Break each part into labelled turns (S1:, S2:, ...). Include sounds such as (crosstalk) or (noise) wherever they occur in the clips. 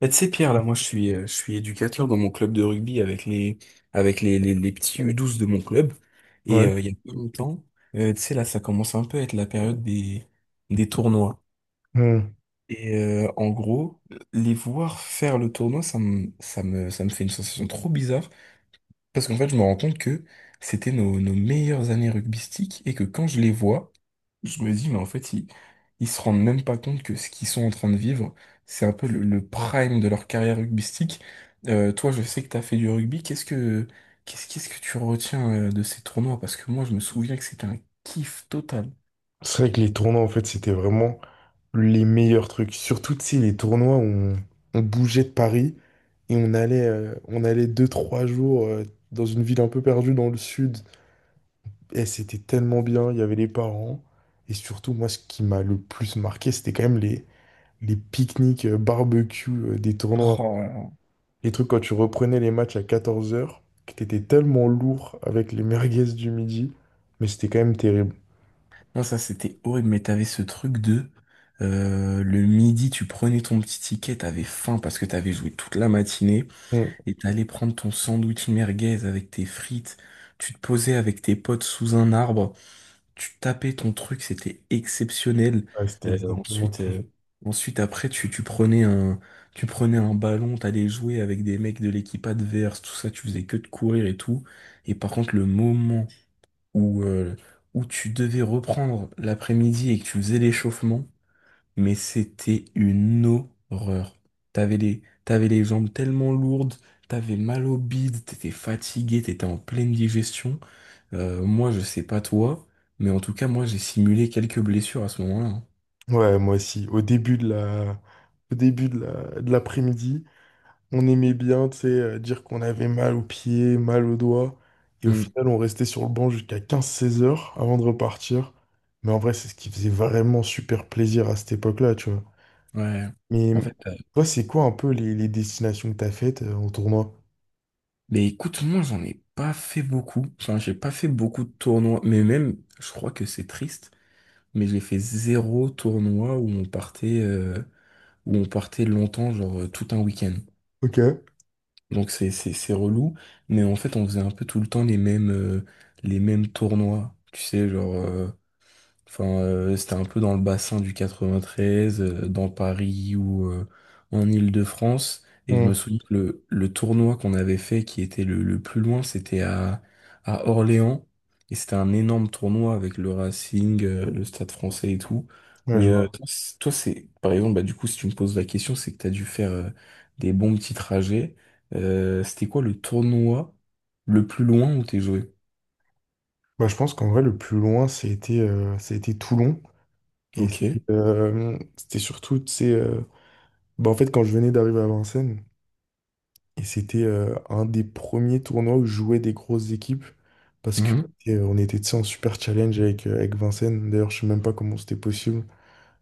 S1: Bah, tu sais, Pierre, là, moi, je suis éducateur dans mon club de rugby avec les petits U12 de mon club. Et
S2: Ouais.
S1: il y a pas longtemps, tu sais, là, ça commence un peu à être la période des tournois.
S2: Hmm.
S1: Et en gros, les voir faire le tournoi, ça me fait une sensation trop bizarre. Parce qu'en fait, je me rends compte que c'était nos meilleures années rugbystiques et que quand je les vois, je me dis, mais en fait, ils se rendent même pas compte que ce qu'ils sont en train de vivre, c'est un peu le prime de leur carrière rugbystique. Toi, je sais que t'as fait du rugby. Qu'est-ce que tu retiens de ces tournois? Parce que moi, je me souviens que c'était un kiff total.
S2: C'est vrai que les tournois, en fait, c'était vraiment les meilleurs trucs. Surtout, tu sais, les tournois, où on bougeait de Paris et on allait deux, trois jours dans une ville un peu perdue dans le sud. Et c'était tellement bien, il y avait les parents. Et surtout, moi, ce qui m'a le plus marqué, c'était quand même les pique-niques barbecue des tournois.
S1: Oh là là.
S2: Les trucs quand tu reprenais les matchs à 14 heures que t'étais tellement lourd avec les merguez du midi. Mais c'était quand même terrible.
S1: Non, ça, c'était horrible, mais t'avais ce truc de, le midi, tu prenais ton petit ticket, t'avais faim parce que t'avais joué toute la matinée.
S2: Hmm.
S1: Et t'allais prendre ton sandwich merguez avec tes frites, tu te posais avec tes potes sous un arbre, tu tapais ton truc, c'était exceptionnel.
S2: Ouais, c'était
S1: Euh,
S2: exactement
S1: ensuite,
S2: ça.
S1: euh, ensuite après, tu prenais un ballon, t'allais jouer avec des mecs de l'équipe adverse, tout ça, tu faisais que de courir et tout. Et par contre, le moment où, euh, où tu devais reprendre l'après-midi et que tu faisais l'échauffement, mais c'était une horreur. T'avais les jambes tellement lourdes, t'avais mal au bide, t'étais fatigué, t'étais en pleine digestion. Moi, je sais pas toi, mais en tout cas, moi, j'ai simulé quelques blessures à ce moment-là. Hein.
S2: Ouais, moi aussi. Au début de l'après-midi, on aimait bien, tu sais, dire qu'on avait mal aux pieds, mal aux doigts. Et au
S1: Hmm,
S2: final, on restait sur le banc jusqu'à 15-16 heures avant de repartir. Mais en vrai, c'est ce qui faisait vraiment super plaisir à cette époque-là, tu vois.
S1: ouais.
S2: Mais
S1: En fait, euh,
S2: toi, c'est quoi un peu les destinations que t'as faites en tournoi?
S1: mais écoute, moi, j'en ai pas fait beaucoup. Enfin, j'ai pas fait beaucoup de tournois, mais même, je crois que c'est triste, mais j'ai fait zéro tournoi où on partait longtemps, genre tout un week-end.
S2: Ok.
S1: Donc c'est relou, mais en fait on faisait un peu tout le temps les mêmes tournois, tu sais genre enfin, c'était un peu dans le bassin du 93, dans Paris ou en Île-de-France. Et je me
S2: Hmm.
S1: souviens que le tournoi qu'on avait fait, qui était le plus loin, c'était à Orléans. Et c'était un énorme tournoi avec le Racing, le Stade français et tout.
S2: Ouais, je
S1: Mais
S2: vois.
S1: toi, c'est, par exemple, bah, du coup, si tu me poses la question, c'est que tu as dû faire des bons petits trajets. C'était quoi le tournoi le plus loin où t'es joué?
S2: Bah, je pense qu'en vrai, le plus loin, c'était ça a été Toulon. Et
S1: Ok.
S2: c'était surtout, tu sais, bah, en fait, quand je venais d'arriver à Vincennes. Et c'était un des premiers tournois où jouaient des grosses équipes parce que
S1: Mhm.
S2: on était, tu sais, en super challenge avec Vincennes. D'ailleurs, je sais même pas comment c'était possible.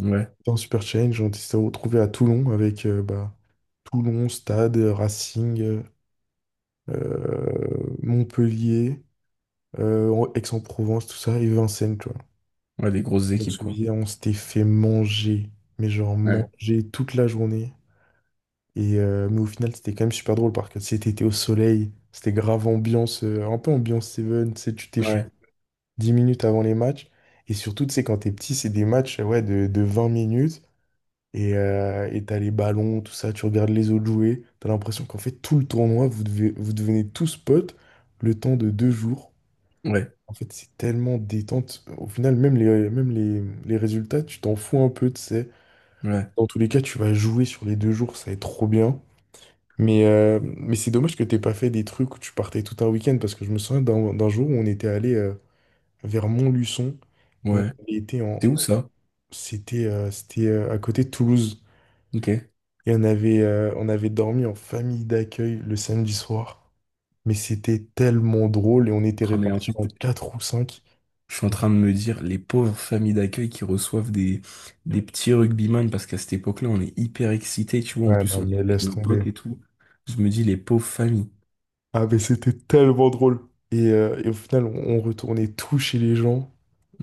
S1: Ouais.
S2: En super challenge, on s'est retrouvé à Toulon avec bah, Toulon, Stade, Racing, Montpellier, Aix-en-Provence, tout ça, et Vincennes, tu vois.
S1: Ouais, des grosses
S2: Je me
S1: équipes, quoi.
S2: souviens, on s'était fait manger, mais genre
S1: Ouais.
S2: manger toute la journée. Et, mais au final, c'était quand même super drôle parce que c'était été au soleil, c'était grave ambiance, un peu ambiance Seven, tu sais, tu t'échauffes
S1: Ouais,
S2: 10 minutes avant les matchs. Et surtout, tu sais, quand t'es petit, c'est des matchs ouais, de 20 minutes et t'as les ballons, tout ça, tu regardes les autres jouer. T'as l'impression qu'en fait, tout le tournoi, vous devenez tous potes le temps de deux jours.
S1: ouais,
S2: En fait, c'est tellement détente. Au final, les résultats, tu t'en fous un peu, tu sais.
S1: ouais,
S2: Dans tous les cas, tu vas jouer sur les deux jours, ça va être trop bien. Mais c'est dommage que t'aies pas fait des trucs où tu partais tout un week-end parce que je me souviens d'un jour où on était allé vers Montluçon. On
S1: ouais.
S2: était
S1: C'est
S2: en,
S1: où ça?
S2: c'était c'était À côté de Toulouse
S1: Ok.
S2: et on avait dormi en famille d'accueil le samedi soir. Mais c'était tellement drôle et on était
S1: Ah, mais en
S2: répartis
S1: fait,
S2: en quatre ou cinq.
S1: je suis en train de me dire, les pauvres familles d'accueil qui reçoivent des petits rugbyman, parce qu'à cette époque-là, on est hyper excités, tu vois, en
S2: Ouais,
S1: plus,
S2: non,
S1: on est
S2: mais
S1: avec
S2: laisse
S1: nos potes
S2: tomber.
S1: et tout. Je me dis, les pauvres familles.
S2: Ah, mais c'était tellement drôle. Et au final, on retournait tout chez les gens.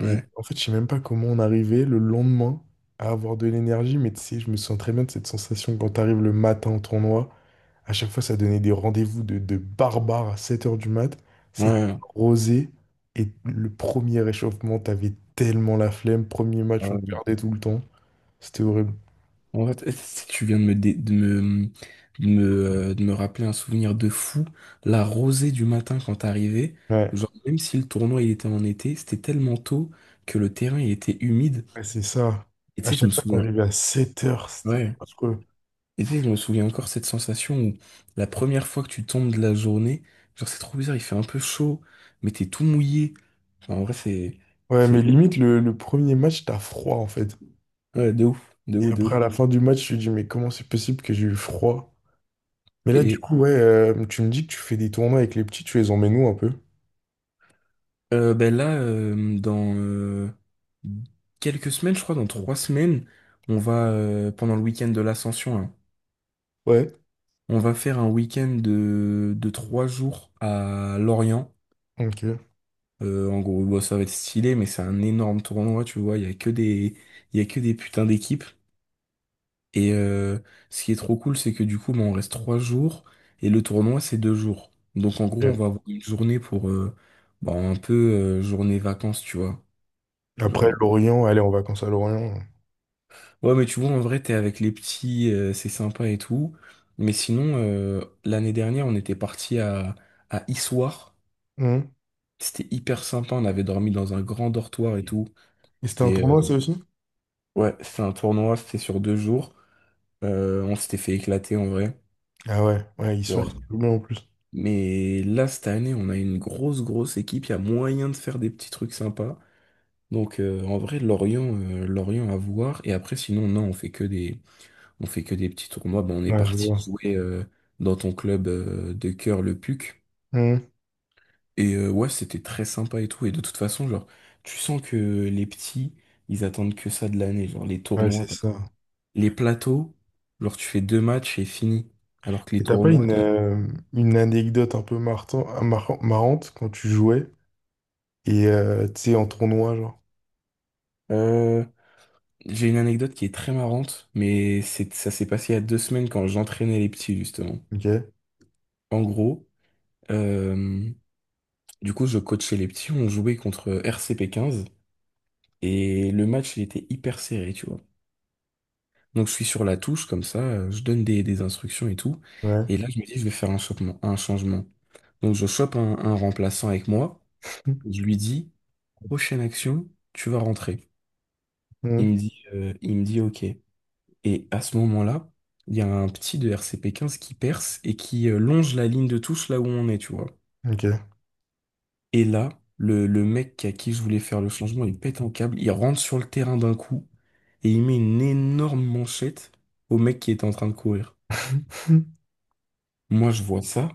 S2: Et en fait, je sais même pas comment on arrivait le lendemain à avoir de l'énergie. Mais tu sais, je me sens très bien de cette sensation quand t'arrives le matin au tournoi. À chaque fois, ça donnait des rendez-vous de barbares à 7 heures du mat. C'est
S1: ouais.
S2: rosé. Et le premier réchauffement, t'avais tellement la flemme. Premier match, on
S1: euh,
S2: perdait tout le temps. C'était horrible.
S1: en fait, (laughs) si tu viens de me, dé- de me, de me, de me rappeler un souvenir de fou. La rosée du matin quand t'arrivais,
S2: Ouais,
S1: genre, même si le tournoi il était en été, c'était tellement tôt que le terrain il était humide.
S2: ouais, c'est ça.
S1: Et tu
S2: À
S1: sais, je me
S2: chaque fois,
S1: souviens.
S2: t'arrivais à 7 heures. C'était
S1: Ouais.
S2: affreux.
S1: Et tu sais, je me souviens encore cette sensation où la première fois que tu tombes de la journée, genre c'est trop bizarre, il fait un peu chaud, mais t'es tout mouillé. Enfin, en vrai, c'est,
S2: Ouais, mais
S1: c'est,
S2: limite, le premier match, t'as froid en fait.
S1: ouais, de ouf, de
S2: Et
S1: ouf, de
S2: après, à
S1: ouf.
S2: la fin du match, je me dis, mais comment c'est possible que j'ai eu froid? Mais là, du
S1: Et
S2: coup, ouais, tu me dis que tu fais des tournois avec les petits, tu les emmènes où un peu?
S1: ben là, dans quelques semaines, je crois, dans 3 semaines, on va, pendant le week-end de l'Ascension, hein,
S2: Ouais.
S1: on va faire un week-end de 3 jours à Lorient.
S2: Ok.
S1: En gros, bon, ça va être stylé, mais c'est un énorme tournoi, tu vois, il y a que des, il y a que des putains d'équipes. Et ce qui est trop cool, c'est que du coup, bah, on reste 3 jours et le tournoi, c'est 2 jours. Donc en gros, on
S2: Et
S1: va avoir une journée pour bah, un peu journée vacances, tu vois.
S2: après,
S1: Genre,
S2: Lorient, aller en vacances à Lorient.
S1: ouais, mais tu vois, en vrai, t'es avec les petits, c'est sympa et tout. Mais sinon, l'année dernière, on était parti à Issoire.
S2: Hum.
S1: C'était hyper sympa. On avait dormi dans un grand dortoir et tout.
S2: Et c'était un
S1: Et
S2: tournoi, ça aussi?
S1: ouais, c'est un tournoi, c'était sur 2 jours. On s'était fait éclater en vrai.
S2: Ah ouais, ouais, ils
S1: Ouais.
S2: sortent tout bien en plus.
S1: Mais là, cette année, on a une grosse, grosse équipe. Il y a moyen de faire des petits trucs sympas. Donc, en vrai, Lorient, à voir. Et après, sinon, non, on fait que des petits tournois. Ben, on est
S2: Ouais, je
S1: parti
S2: vois.
S1: jouer dans ton club de cœur, le PUC.
S2: Hum.
S1: Et ouais, c'était très sympa et tout. Et de toute façon, genre, tu sens que les petits, ils attendent que ça de l'année. Genre, les
S2: Ouais,
S1: tournois,
S2: c'est
S1: parce
S2: ça.
S1: que les plateaux, genre, tu fais deux matchs et fini. Alors que les
S2: Et t'as pas
S1: tournois,
S2: une anecdote un peu marrante quand tu jouais et tu sais, en tournoi, genre?
S1: t'as. J'ai une anecdote qui est très marrante, ça s'est passé il y a 2 semaines quand j'entraînais les petits, justement.
S2: Ok.
S1: En gros, euh, du coup, je coachais les petits, on jouait contre RCP 15, et le match, il était hyper serré, tu vois. Donc, je suis sur la touche, comme ça, je donne des instructions et tout,
S2: Ouais.
S1: et là, je me dis, je vais faire un changement. Donc, je chope un remplaçant avec moi, je
S2: (laughs)
S1: lui dis, prochaine action, tu vas rentrer. Il
S2: Hum.
S1: me dit, euh, il me dit, OK. Et à ce moment-là, il y a un petit de RCP 15 qui perce et qui longe la ligne de touche là où on est, tu vois.
S2: Ok.
S1: Et là, le mec à qui je voulais faire le changement, il pète un câble, il rentre sur le terrain d'un coup et il met une énorme manchette au mec qui était en train de courir.
S2: (laughs)
S1: Moi, je vois ça,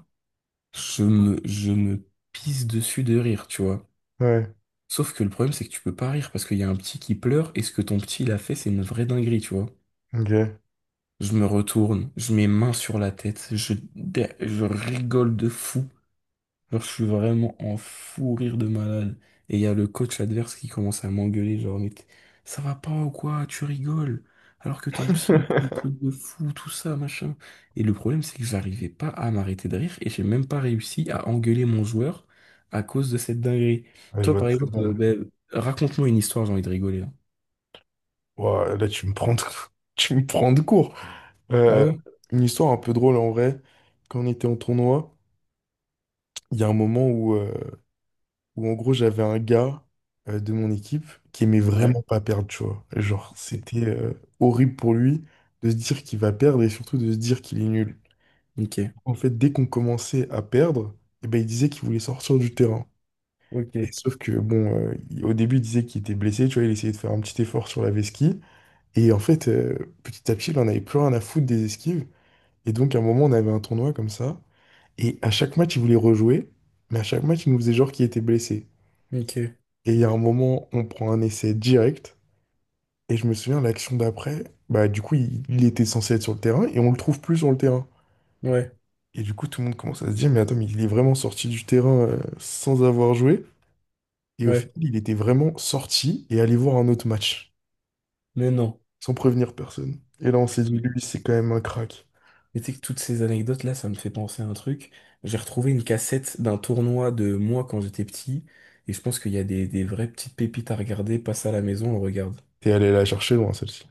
S1: je me pisse dessus de rire, tu vois.
S2: Ouais,
S1: Sauf que le problème, c'est que tu peux pas rire parce qu'il y a un petit qui pleure et ce que ton petit, il a fait, c'est une vraie dinguerie, tu vois.
S2: ok.
S1: Je me retourne, je mets main sur la tête, je rigole de fou. Genre, je suis vraiment en fou rire de malade. Et il y a le coach adverse qui commence à m'engueuler, genre, ça va pas ou quoi, tu rigoles. Alors que ton psy, il dit des trucs de fou, tout ça, machin. Et le problème, c'est que j'arrivais pas à m'arrêter de rire et j'ai même pas réussi à engueuler mon joueur à cause de cette dinguerie.
S2: Ouais, je
S1: Toi,
S2: vois
S1: par
S2: très
S1: exemple,
S2: bien.
S1: ben, raconte-moi une histoire, j'ai envie de rigoler, là.
S2: Ouah, là, tu me prends de (laughs) tu me prends de court.
S1: Ah
S2: Euh,
S1: ouais?
S2: une histoire un peu drôle en vrai. Quand on était en tournoi, il y a un moment où en gros, j'avais un gars de mon équipe qui aimait
S1: Ouais.
S2: vraiment pas perdre, tu vois. Genre, c'était horrible pour lui de se dire qu'il va perdre et surtout de se dire qu'il est nul.
S1: Ok.
S2: En fait, dès qu'on commençait à perdre, eh ben, il disait qu'il voulait sortir du terrain.
S1: Ok.
S2: Et sauf que, bon, au début, il disait qu'il était blessé, tu vois, il essayait de faire un petit effort sur la vesquie. Et en fait, petit à petit, il en avait plus rien à foutre des esquives. Et donc, à un moment, on avait un tournoi comme ça. Et à chaque match, il voulait rejouer. Mais à chaque match, il nous faisait genre qu'il était blessé.
S1: Ok.
S2: Et il y a un moment, on prend un essai direct. Et je me souviens, l'action d'après, bah, du coup, il était censé être sur le terrain et on le trouve plus sur le terrain.
S1: Ouais.
S2: Et du coup, tout le monde commence à se dire, mais attends, mais il est vraiment sorti du terrain, sans avoir joué. Et au
S1: Ouais,
S2: final, il était vraiment sorti et allé voir un autre match,
S1: mais non.
S2: sans prévenir personne. Et là, on s'est
S1: Putain,
S2: dit,
S1: mais
S2: lui, c'est quand même un crack.
S1: mais tu sais que toutes ces anecdotes-là, ça me fait penser à un truc. J'ai retrouvé une cassette d'un tournoi de moi quand j'étais petit, et je pense qu'il y a des vraies petites pépites à regarder. Passe à la maison, on regarde.
S2: T'es allé la chercher loin, celle-ci.